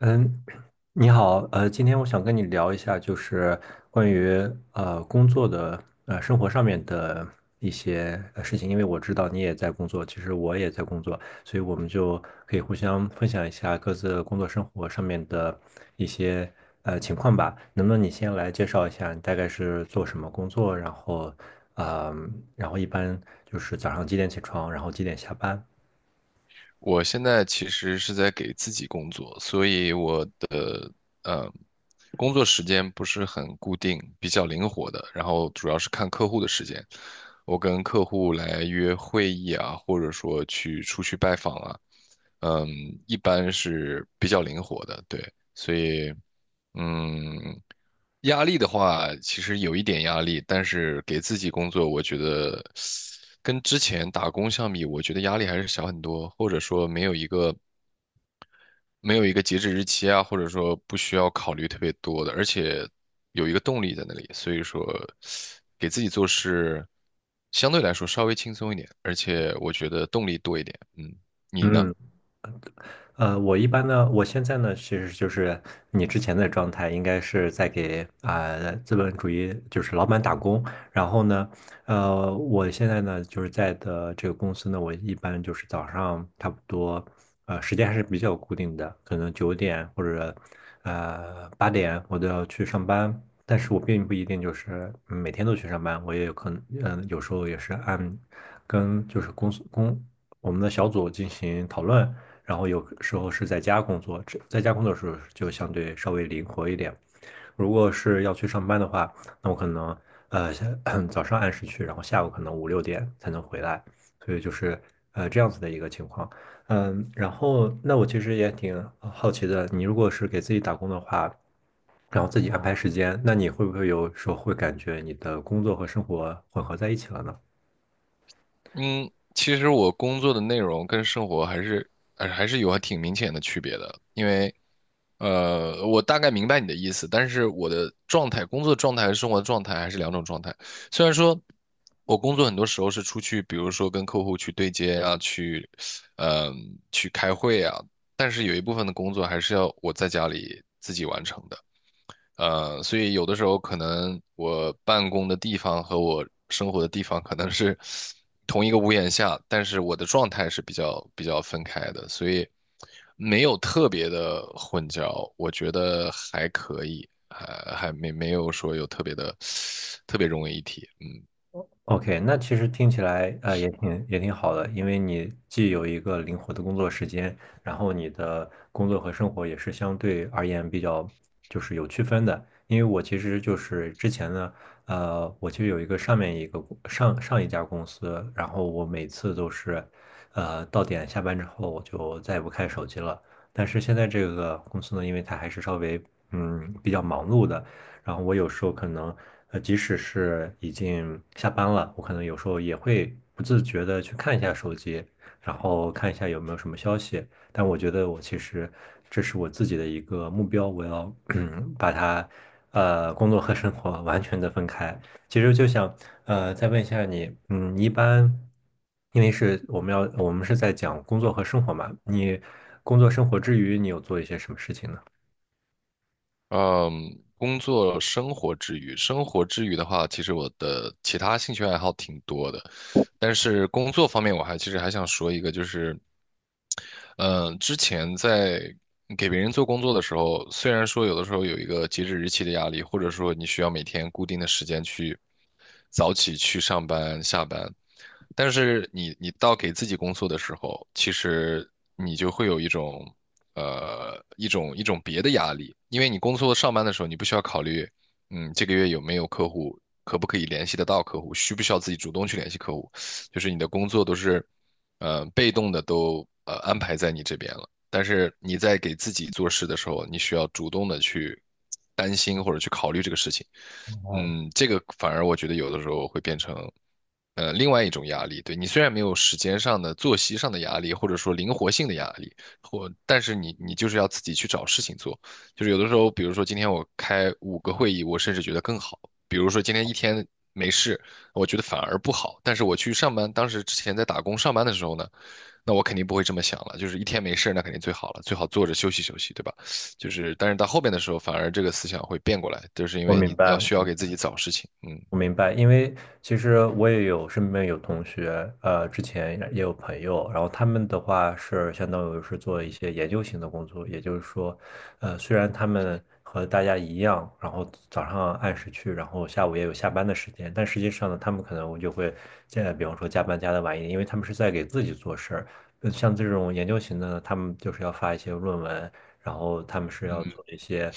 嗯，你好，今天我想跟你聊一下，就是关于工作的生活上面的一些事情，因为我知道你也在工作，其实我也在工作，所以我们就可以互相分享一下各自的工作生活上面的一些情况吧。能不能你先来介绍一下，你大概是做什么工作，然后，然后一般就是早上几点起床，然后几点下班？我现在其实是在给自己工作，所以我的呃工作时间不是很固定，比较灵活的。然后主要是看客户的时间，我跟客户来约会议啊，或者说去出去拜访啊，嗯，一般是比较灵活的，对。所以，嗯，压力的话，其实有一点压力，但是给自己工作，我觉得跟之前打工相比，我觉得压力还是小很多，或者说没有一个截止日期啊，或者说不需要考虑特别多的，而且有一个动力在那里，所以说给自己做事相对来说稍微轻松一点，而且我觉得动力多一点。嗯，你呢？嗯，我一般呢，我现在呢，其实就是你之前的状态，应该是在给资本主义就是老板打工。然后呢，我现在呢，就是在的这个公司呢，我一般就是早上差不多，时间还是比较固定的，可能九点或者八点我都要去上班。但是我并不一定就是每天都去上班，我也有可能，有时候也是按跟就是公司公我们的小组进行讨论。然后有时候是在家工作，在家工作的时候就相对稍微灵活一点。如果是要去上班的话，那我可能呃早上按时去，然后下午可能五六点才能回来，所以就是这样子的一个情况。嗯，然后那我其实也挺好奇的，你如果是给自己打工的话，然后自己安排时间，那你会不会有时候会感觉你的工作和生活混合在一起了呢？嗯，其实我工作的内容跟生活还是有还挺明显的区别的，因为我大概明白你的意思，但是我的状态、工作状态和生活状态还是两种状态。虽然说我工作很多时候是出去，比如说跟客户去对接啊，去去开会啊，但是有一部分的工作还是要我在家里自己完成的。所以有的时候可能我办公的地方和我生活的地方可能是 同一个屋檐下，但是我的状态是比较分开的，所以没有特别的混淆，我觉得还可以，还还没没有说有特别的特别融为一体。OK，那其实听起来也挺好的，因为你既有一个灵活的工作时间，然后你的工作和生活也是相对而言比较就是有区分的。因为我其实就是之前呢，我其实有一个上面一个公上上一家公司，然后我每次都是到点下班之后我就再也不看手机了。但是现在这个公司呢，因为它还是稍微比较忙碌的。然后我有时候可能，即使是已经下班了，我可能有时候也会不自觉的去看一下手机，然后看一下有没有什么消息。但我觉得我其实这是我自己的一个目标，我要 把它，工作和生活完全的分开。其实就想，再问一下你，嗯，一般，因为是我们要，我们是在讲工作和生活嘛，你工作生活之余，你有做一些什么事情呢？嗯，工作生活之余，生活之余的话，其实我的其他兴趣爱好挺多的，但是工作方面其实还想说一个，就是嗯，之前在给别人做工作的时候，虽然说有的时候有一个截止日期的压力，或者说你需要每天固定的时间去早起去上班下班，但是你到给自己工作的时候，其实你就会有一种一种别的压力，因为你工作上班的时候，你不需要考虑，嗯，这个月有没有客户，可不可以联系得到客户，需不需要自己主动去联系客户，就是你的工作都是。被动的都安排在你这边了。但是你在给自己做事的时候，你需要主动的去担心或者去考虑这个事情。哦，嗯，这个反而我觉得有的时候会变成，另外一种压力。对，你虽然没有时间上的、作息上的压力，或者说灵活性的压力，或但是你就是要自己去找事情做。就是有的时候，比如说今天我开五个会议，我甚至觉得更好。比如说今天一天没事，我觉得反而不好。但是我去上班，当时之前在打工上班的时候呢，那我肯定不会这么想了，就是一天没事儿那肯定最好了，最好坐着休息休息，对吧？就是，但是到后边的时候，反而这个思想会变过来，就是因我为明你要白。需要给自己找事情，嗯我明白，因为其实我也有身边有同学，之前也有朋友，然后他们的话是相当于是做一些研究型的工作，也就是说，虽然他们和大家一样，然后早上按时去，然后下午也有下班的时间，但实际上呢，他们可能就会现在比方说加班加的晚一点，因为他们是在给自己做事儿。像这种研究型的呢，他们就是要发一些论文，然后他们是要嗯。做一些。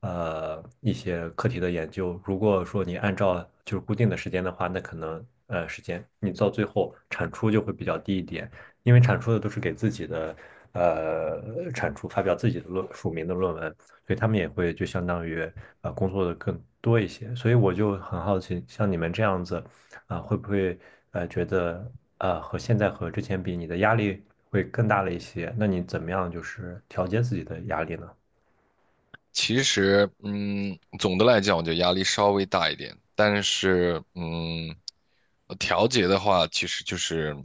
一些课题的研究。如果说你按照就是固定的时间的话，那可能时间你到最后产出就会比较低一点，因为产出的都是给自己的产出发表自己的署名的论文，所以他们也会就相当于工作的更多一些。所以我就很好奇，像你们这样子会不会觉得和现在和之前比，你的压力会更大了一些？那你怎么样就是调节自己的压力呢？其实，嗯，总的来讲，我觉得压力稍微大一点，但是，嗯，调节的话，其实就是，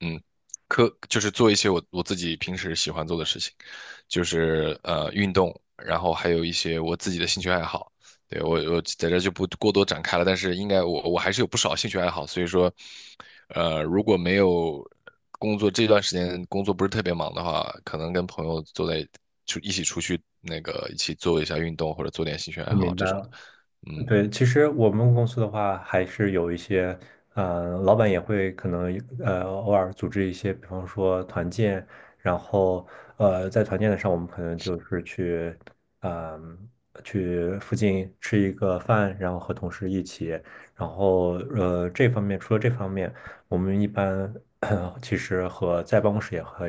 嗯，就是做一些我自己平时喜欢做的事情，就是运动，然后还有一些我自己的兴趣爱好。对，我在这就不过多展开了，但是应该我还是有不少兴趣爱好，所以说，如果没有工作这段时间工作不是特别忙的话，可能跟朋友坐在就一起出去那个一起做一下运动或者做点兴趣爱我好明白这种的，了。嗯对，其实我们公司的话，还是有一些，嗯，老板也会可能偶尔组织一些，比方说团建，然后在团建的上，我们可能就是去，嗯、去附近吃一个饭，然后和同事一起，然后这方面，我们一般 其实和在办公室也和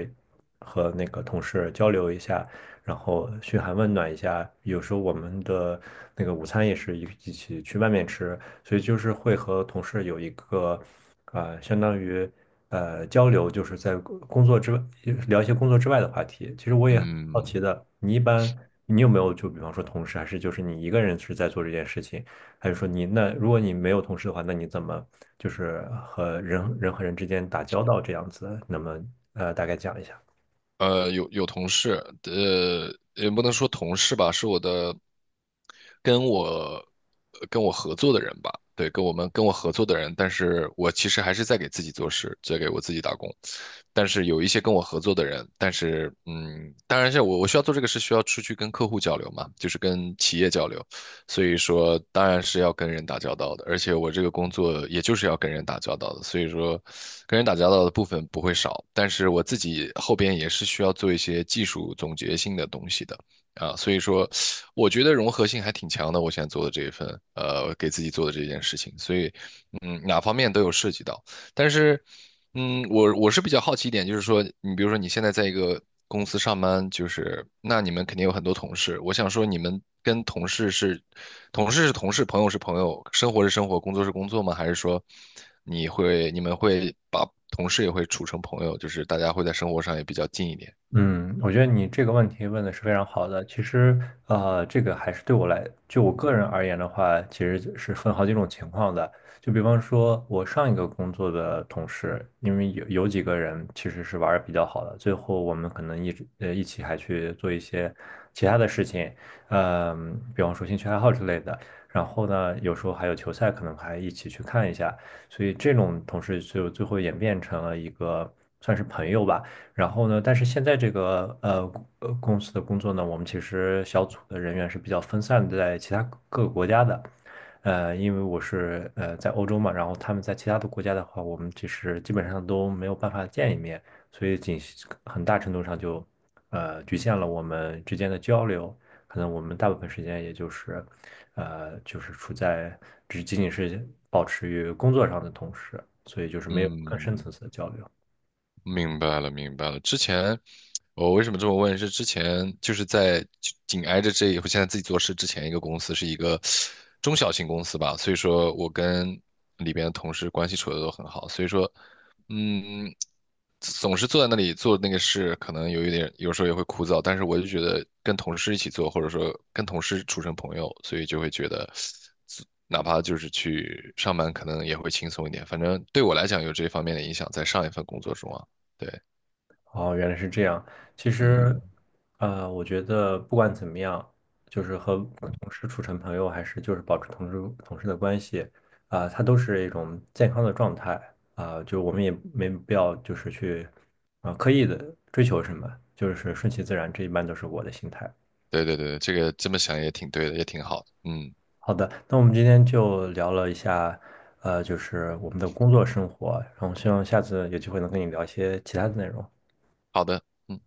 那个同事交流一下。然后嘘寒问暖一下。有时候我们的那个午餐也是一起去外面吃，所以就是会和同事有一个相当于交流，就是在工作之外聊一些工作之外的话题。其实我也很好奇嗯，的，你一般你有没有就比方说同事，还是就是你一个人是在做这件事情，还是说你那如果你没有同事的话，那你怎么就是和人和人之间打交道这样子？那么大概讲一下。有同事，也不能说同事吧，是我的跟我合作的人吧，对，跟我合作的人，但是我其实还是在给自己做事，在给我自己打工。但是有一些跟我合作的人，但是嗯，当然是我需要做这个事，需要出去跟客户交流嘛，就是跟企业交流。所以说当然是要跟人打交道的，而且我这个工作也就是要跟人打交道的，所以说跟人打交道的部分不会少，但是我自己后边也是需要做一些技术总结性的东西的。啊，所以说，我觉得融合性还挺强的。我现在做的这一份，给自己做的这件事情，所以，嗯，哪方面都有涉及到。但是，嗯，我是比较好奇一点，就是说，你比如说你现在在一个公司上班，就是那你们肯定有很多同事。我想说，你们跟同事是同事，朋友是朋友，生活是生活，工作是工作吗？还是说你们会把同事也会处成朋友，就是大家会在生活上也比较近一点？嗯，我觉得你这个问题问的是非常好的。其实，这个还是对我来，就我个人而言的话，其实是分好几种情况的。就比方说，我上一个工作的同事，因为有几个人其实是玩的比较好的，最后我们可能一直一起还去做一些其他的事情，比方说兴趣爱好之类的。然后呢，有时候还有球赛，可能还一起去看一下。所以这种同事就最后演变成了一个算是朋友吧。然后呢，但是现在这个公司的工作呢，我们其实小组的人员是比较分散的在其他各个国家的。因为我是在欧洲嘛，然后他们在其他的国家的话，我们其实基本上都没有办法见一面，所以仅很大程度上就局限了我们之间的交流。可能我们大部分时间也就是就是处在只仅仅是保持于工作上的同时，所以就是没有更深嗯层次的交流。明白了，明白了。之前我为什么这么问？是之前就是在就紧挨着这一，我现在自己做事之前一个公司是一个中小型公司吧，所以说我跟里边的同事关系处的都很好，所以说，嗯，总是坐在那里做那个事，可能有一点，有时候也会枯燥，但是我就觉得跟同事一起做，或者说跟同事处成朋友，所以就会觉得。哪怕就是去上班，可能也会轻松一点。反正对我来讲，有这方面的影响，在上一份工作中啊。对，哦，原来是这样。其实，嗯，我觉得不管怎么样，就是和同事处成朋友，还是就是保持同事的关系，它都是一种健康的状态就我们也没必要就是去刻意的追求什么，就是顺其自然，这一般都是我的心态。对对对，这个这么想也挺对的，也挺好的，嗯，好的，那我们今天就聊了一下，就是我们的工作生活，然后希望下次有机会能跟你聊一些其他的内容。好的。嗯。